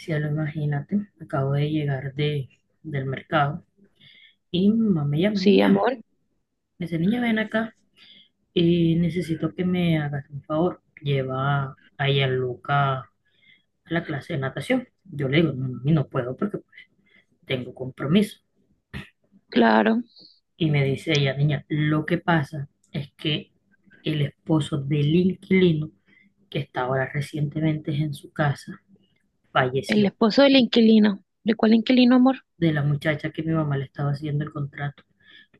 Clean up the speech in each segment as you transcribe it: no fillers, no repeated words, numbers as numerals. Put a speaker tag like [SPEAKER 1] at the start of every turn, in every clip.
[SPEAKER 1] Si ya lo imagínate, acabo de llegar del mercado y mi mamá me llama,
[SPEAKER 2] Sí,
[SPEAKER 1] niña,
[SPEAKER 2] amor,
[SPEAKER 1] me dice, niña, ven acá y necesito que me hagas un favor. Lleva a Luca a la clase de natación. Yo le digo, no, mami, no puedo porque tengo compromiso.
[SPEAKER 2] claro.
[SPEAKER 1] Y me dice ella, niña, lo que pasa es que el esposo del inquilino, que está ahora recientemente en su casa,
[SPEAKER 2] El
[SPEAKER 1] falleció,
[SPEAKER 2] esposo del inquilino. ¿De cuál inquilino, amor?
[SPEAKER 1] de la muchacha que mi mamá le estaba haciendo el contrato.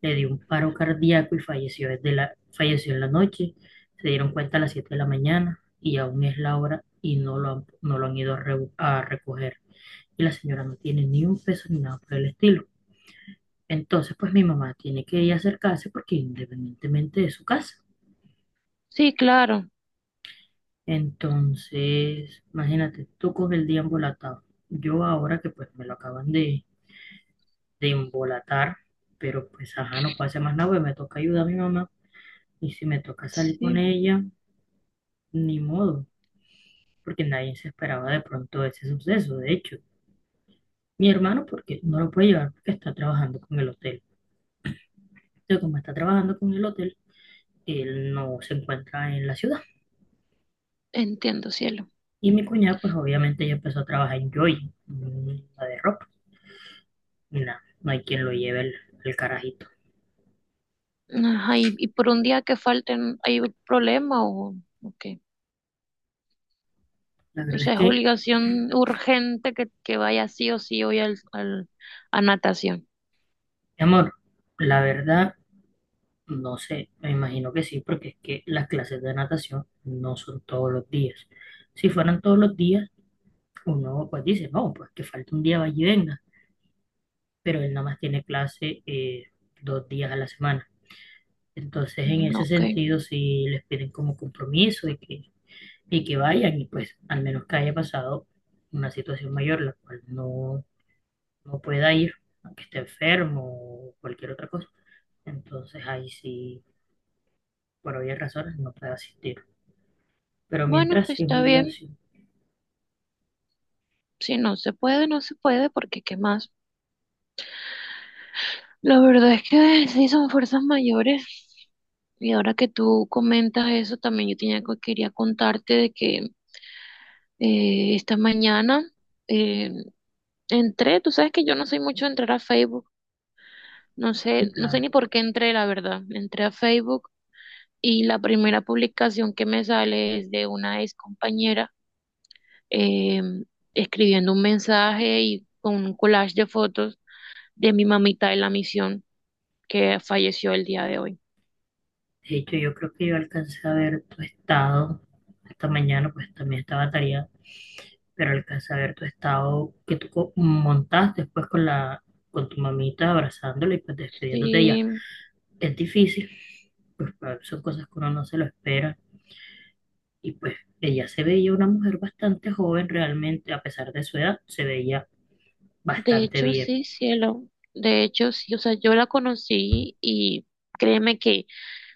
[SPEAKER 1] Le dio un paro cardíaco y falleció falleció en la noche. Se dieron cuenta a las 7 de la mañana y aún es la hora y no lo han ido a, a recoger. Y la señora no tiene ni un peso ni nada por el estilo. Entonces, pues mi mamá tiene que ir a acercarse porque independientemente de su casa.
[SPEAKER 2] Sí, claro.
[SPEAKER 1] Entonces, imagínate, tú con el día embolatado. Yo ahora que pues me lo de embolatar, pero pues ajá, no puedo hacer más nada, pues me toca ayudar a mi mamá. Y si me toca salir con
[SPEAKER 2] Sí,
[SPEAKER 1] ella, ni modo, porque nadie se esperaba de pronto ese suceso. De hecho, mi hermano, porque no lo puede llevar porque está trabajando con el hotel. Entonces, como está trabajando con el hotel, él no se encuentra en la ciudad.
[SPEAKER 2] entiendo, cielo.
[SPEAKER 1] Y mi cuñada, pues obviamente ella empezó a trabajar en Joy, en la de ropa. Y nada, no hay quien lo el carajito.
[SPEAKER 2] Ajá, y por un día que falten, ¿hay un problema o qué?
[SPEAKER 1] La
[SPEAKER 2] O
[SPEAKER 1] verdad es
[SPEAKER 2] sea, es
[SPEAKER 1] que,
[SPEAKER 2] obligación urgente que vaya sí o sí hoy a natación.
[SPEAKER 1] mi amor, la verdad, no sé, me imagino que sí, porque es que las clases de natación no son todos los días. Si fueran todos los días, uno pues dice, no, pues que falta un día, vaya y venga, pero él nada más tiene clase dos días a la semana. Entonces, en
[SPEAKER 2] Mm,
[SPEAKER 1] ese
[SPEAKER 2] ok.
[SPEAKER 1] sentido, si les piden como compromiso y que vayan, y pues al menos que haya pasado una situación mayor, la cual no, no pueda ir, aunque esté enfermo o cualquier otra cosa. Entonces, ahí sí, por obvias razones, no puede asistir. Pero
[SPEAKER 2] Bueno,
[SPEAKER 1] mientras
[SPEAKER 2] pues
[SPEAKER 1] sí es
[SPEAKER 2] está bien.
[SPEAKER 1] obligación,
[SPEAKER 2] Si no se puede, no se puede, porque ¿qué más? La verdad es que sí son fuerzas mayores. Y ahora que tú comentas eso, también yo tenía, quería contarte de que esta mañana eh, entré, tú sabes que yo no soy mucho de entrar a Facebook, no sé,
[SPEAKER 1] y
[SPEAKER 2] no sé
[SPEAKER 1] claro.
[SPEAKER 2] ni por qué entré, la verdad. Entré a Facebook y la primera publicación que me sale es de una ex compañera, eh, escribiendo un mensaje y con un collage de fotos de mi mamita de la misión que falleció el día de hoy.
[SPEAKER 1] De hecho, yo creo que yo alcancé a ver tu estado esta mañana, pues también estaba tarea, pero alcancé a ver tu estado que montaste después con tu mamita abrazándola y pues despidiéndote de ella.
[SPEAKER 2] Sí,
[SPEAKER 1] Es difícil, pues son cosas que uno no se lo espera y pues ella se veía una mujer bastante joven realmente, a pesar de su edad, se veía
[SPEAKER 2] de
[SPEAKER 1] bastante
[SPEAKER 2] hecho
[SPEAKER 1] bien.
[SPEAKER 2] sí, cielo. De hecho, sí, o sea, yo la conocí y créeme que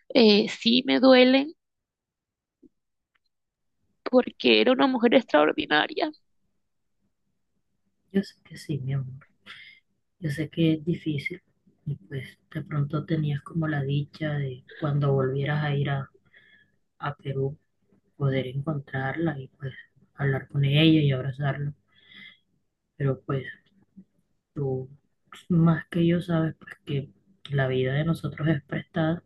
[SPEAKER 2] sí me duele porque era una mujer extraordinaria.
[SPEAKER 1] Yo sé que sí, mi amor, yo sé que es difícil y pues de pronto tenías como la dicha de cuando volvieras a a Perú, poder encontrarla y pues hablar con ella y abrazarla, pero pues tú más que yo sabes pues que la vida de nosotros es prestada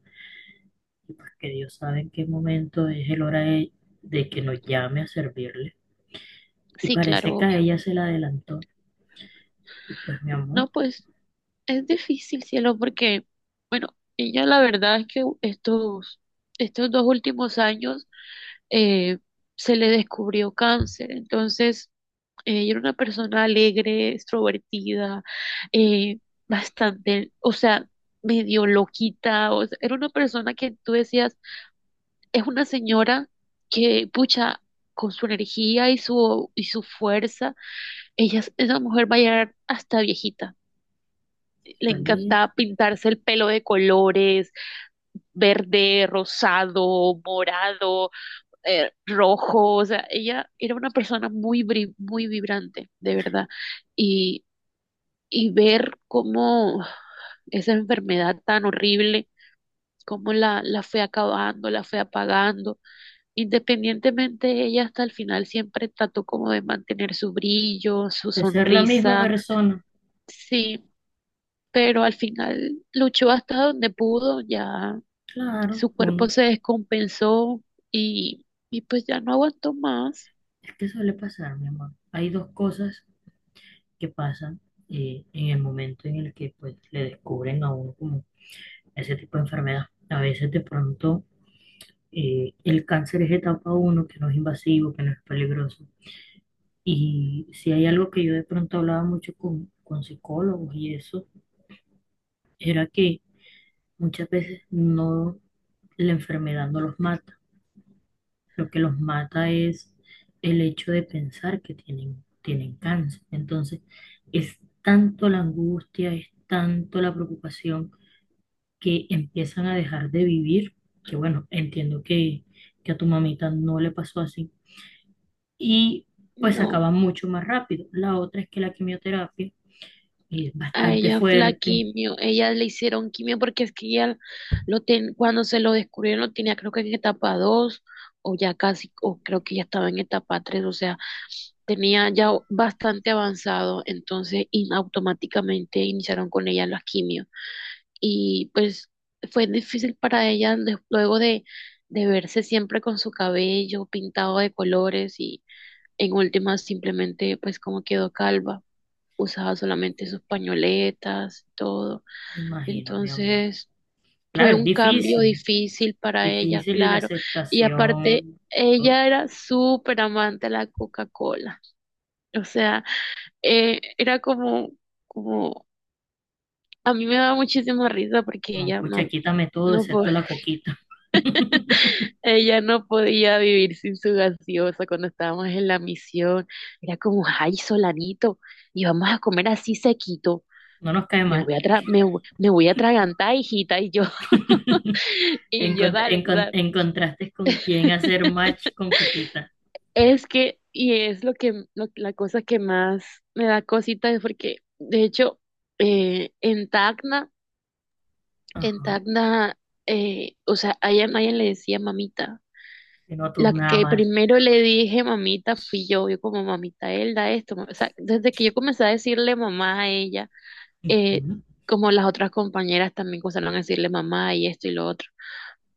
[SPEAKER 1] y pues que Dios sabe en qué momento es el de que nos llame a servirle. Y
[SPEAKER 2] Sí, claro,
[SPEAKER 1] parece que a
[SPEAKER 2] obvio.
[SPEAKER 1] ella se la adelantó. Y pues mi amor,
[SPEAKER 2] No, pues es difícil, cielo, porque, bueno, ella la verdad es que estos dos últimos años eh, se le descubrió cáncer. Entonces ella era una persona alegre, extrovertida, eh, bastante, o sea, medio loquita, o sea, era una persona que tú decías, es una señora que, pucha, con su energía y y su fuerza. Ella, esa mujer va a llegar hasta viejita. Le
[SPEAKER 1] suele
[SPEAKER 2] encantaba pintarse el pelo de colores, verde, rosado, morado, rojo. O sea, ella era una persona muy, muy vibrante, de verdad. Y, y ver cómo esa enfermedad tan horrible, cómo la fue acabando, la fue apagando. Independientemente, ella hasta el final siempre trató como de mantener su brillo, su
[SPEAKER 1] de ser la misma
[SPEAKER 2] sonrisa.
[SPEAKER 1] persona.
[SPEAKER 2] Sí, pero al final luchó hasta donde pudo, ya
[SPEAKER 1] Claro,
[SPEAKER 2] su cuerpo
[SPEAKER 1] uno,
[SPEAKER 2] se descompensó y, y pues ya no aguantó más.
[SPEAKER 1] es que suele pasar, mi amor. Hay dos cosas que pasan en el momento en el que pues le descubren a uno como ese tipo de enfermedad. A veces de pronto el cáncer es etapa uno que no es invasivo, que no es peligroso. Y si hay algo que yo de pronto hablaba mucho con psicólogos y eso, era que muchas veces no, la enfermedad no los mata. Lo que los mata es el hecho de pensar que tienen cáncer. Entonces, es tanto la angustia, es tanto la preocupación que empiezan a dejar de vivir, que bueno, entiendo que a tu mamita no le pasó así, y pues
[SPEAKER 2] No,
[SPEAKER 1] acaba mucho más rápido. La otra es que la quimioterapia es
[SPEAKER 2] a
[SPEAKER 1] bastante
[SPEAKER 2] ella la
[SPEAKER 1] fuerte,
[SPEAKER 2] quimio, ella le hicieron quimio porque es que ella cuando se lo descubrieron lo tenía creo que en etapa 2 o ya casi, o creo que ya estaba en etapa tres. O sea, tenía ya bastante avanzado. Entonces, automáticamente iniciaron con ella las quimios. Y pues fue difícil para ella luego de verse siempre con su cabello pintado de colores, y en últimas simplemente pues como quedó calva, usaba solamente sus pañoletas, todo.
[SPEAKER 1] me imagino, mi amor.
[SPEAKER 2] Entonces fue
[SPEAKER 1] Claro, es
[SPEAKER 2] un cambio
[SPEAKER 1] difícil,
[SPEAKER 2] difícil para ella,
[SPEAKER 1] difícil y la
[SPEAKER 2] claro. Y aparte,
[SPEAKER 1] aceptación, todo.
[SPEAKER 2] ella era súper amante de la Coca-Cola. O sea, era como, como, a mí me daba muchísima risa porque
[SPEAKER 1] No,
[SPEAKER 2] ella
[SPEAKER 1] pucha,
[SPEAKER 2] no,
[SPEAKER 1] quítame todo
[SPEAKER 2] no, po-
[SPEAKER 1] excepto la coquita.
[SPEAKER 2] ella no podía vivir sin su gaseosa cuando estábamos en la misión. Era como, ay, Solanito, y vamos a comer así sequito.
[SPEAKER 1] No nos cae mal.
[SPEAKER 2] Me voy a atragantar, hijita, y yo, y
[SPEAKER 1] En,
[SPEAKER 2] yo,
[SPEAKER 1] con-
[SPEAKER 2] dale,
[SPEAKER 1] en con-
[SPEAKER 2] dale.
[SPEAKER 1] en contraste con quién hacer match con coquita.
[SPEAKER 2] Es que, y es lo que, la cosa que más me da cosita es porque, de hecho, eh, en Tacna, en
[SPEAKER 1] Ajá,
[SPEAKER 2] Tacna, o sea, a ella le decía mamita.
[SPEAKER 1] que no tú
[SPEAKER 2] La
[SPEAKER 1] nada
[SPEAKER 2] que
[SPEAKER 1] más.
[SPEAKER 2] primero le dije mamita fui yo, yo como mamita Elda, esto, ma-". O sea, desde que yo comencé a decirle mamá a ella, eh,
[SPEAKER 1] Ujú,
[SPEAKER 2] como las otras compañeras también comenzaron a decirle mamá y esto y lo otro,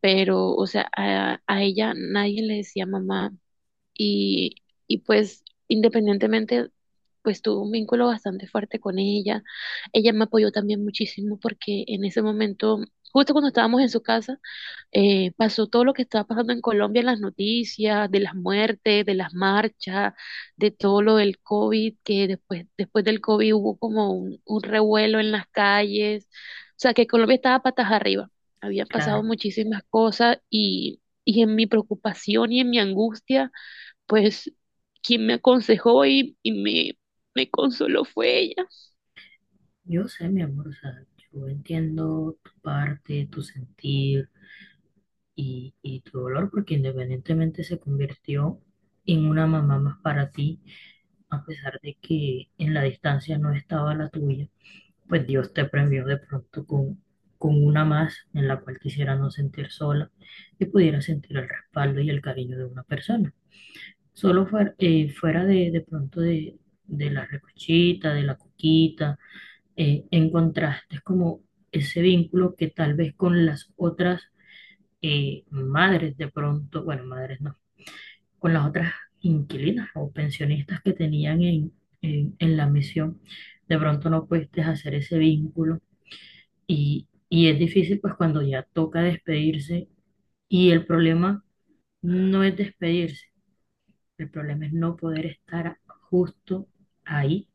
[SPEAKER 2] pero, o sea, a ella nadie le decía mamá y, y pues independientemente, pues tuve un vínculo bastante fuerte con ella. Ella me apoyó también muchísimo porque en ese momento, justo cuando estábamos en su casa, pasó todo lo que estaba pasando en Colombia en las noticias, de las muertes, de las marchas, de todo lo del COVID, que después, después del COVID hubo como un revuelo en las calles. O sea que Colombia estaba patas arriba,
[SPEAKER 1] sí,
[SPEAKER 2] habían pasado
[SPEAKER 1] claro,
[SPEAKER 2] muchísimas cosas y en mi preocupación y en mi angustia, pues quien me aconsejó y me consoló fue ella.
[SPEAKER 1] yo sé, mi amor, o sea, yo entiendo tu parte, tu sentir y tu dolor, porque independientemente se convirtió en una mamá más para ti, a pesar de que en la distancia no estaba la tuya, pues Dios te premió de pronto con una más en la cual quisiera no sentir sola y pudiera sentir el respaldo y el cariño de una persona. Solo fuera, fuera de pronto, de de la recochita, de la coquita, encontraste como ese vínculo que tal vez con las otras, madres de pronto, bueno, madres no, con las otras inquilinas o pensionistas que tenían en la misión, de pronto no pudiste hacer ese vínculo y es difícil pues cuando ya toca despedirse, y el problema no es despedirse, el problema es no poder estar justo ahí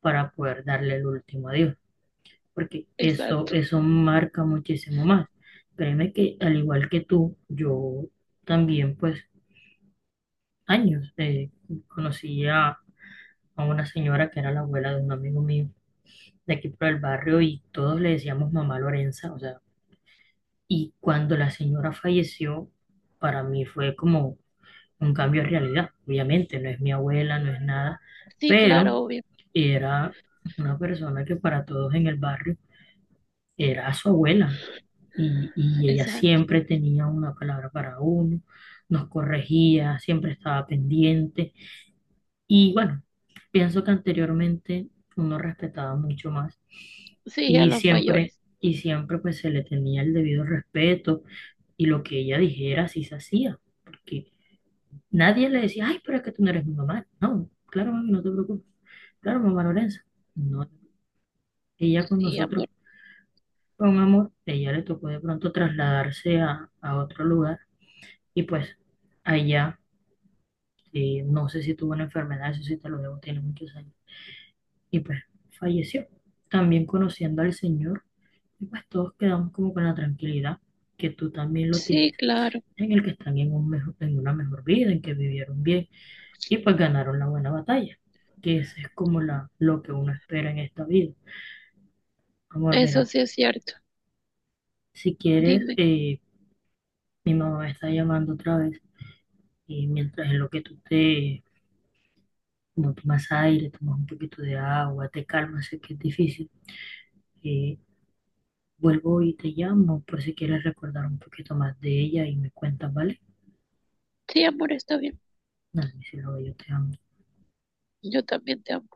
[SPEAKER 1] para poder darle el último adiós, porque eso,
[SPEAKER 2] Exacto.
[SPEAKER 1] eso marca muchísimo más. Créeme que al igual que tú, yo también pues años conocí a una señora que era la abuela de un amigo mío de aquí por el barrio y todos le decíamos mamá Lorenza, o sea, y cuando la señora falleció, para mí fue como un cambio de realidad, obviamente, no es mi abuela, no es nada,
[SPEAKER 2] Sí,
[SPEAKER 1] pero
[SPEAKER 2] claro, obvio.
[SPEAKER 1] era una persona que para todos en el barrio era su abuela y ella
[SPEAKER 2] Exacto.
[SPEAKER 1] siempre tenía una palabra para uno, nos corregía, siempre estaba pendiente. Y bueno, pienso que anteriormente uno respetaba mucho más
[SPEAKER 2] Sí, a los mayores.
[SPEAKER 1] y siempre pues se le tenía el debido respeto y lo que ella dijera sí se hacía, porque nadie le decía, ay, pero es que tú no eres mi mamá. No, claro, mami, no te preocupes. Claro, mamá Lorenza. No, ella con
[SPEAKER 2] Sí,
[SPEAKER 1] nosotros
[SPEAKER 2] amor.
[SPEAKER 1] fue un amor, ella le tocó de pronto trasladarse a otro lugar y pues allá, no sé si tuvo una enfermedad, eso sí te lo debo, tiene muchos años y pues falleció. También conociendo al Señor, y pues todos quedamos como con la tranquilidad que tú también lo
[SPEAKER 2] Sí,
[SPEAKER 1] tienes,
[SPEAKER 2] claro.
[SPEAKER 1] en el que están un en una mejor vida, en que vivieron bien y pues ganaron la buena batalla, que eso es como la, lo que uno espera en esta vida. Amor,
[SPEAKER 2] Eso
[SPEAKER 1] mira,
[SPEAKER 2] sí es cierto.
[SPEAKER 1] si quieres,
[SPEAKER 2] Dime.
[SPEAKER 1] mi mamá me está llamando otra vez y mientras en lo que tú te, como tomas aire, tomas un poquito de agua, te calmas, sé que es difícil. eh, Vuelvo y te llamo por si quieres recordar un poquito más de ella y me cuentas, ¿vale?
[SPEAKER 2] Sí, amor, está bien.
[SPEAKER 1] Nada, mi cielo, yo te amo.
[SPEAKER 2] Yo también te amo.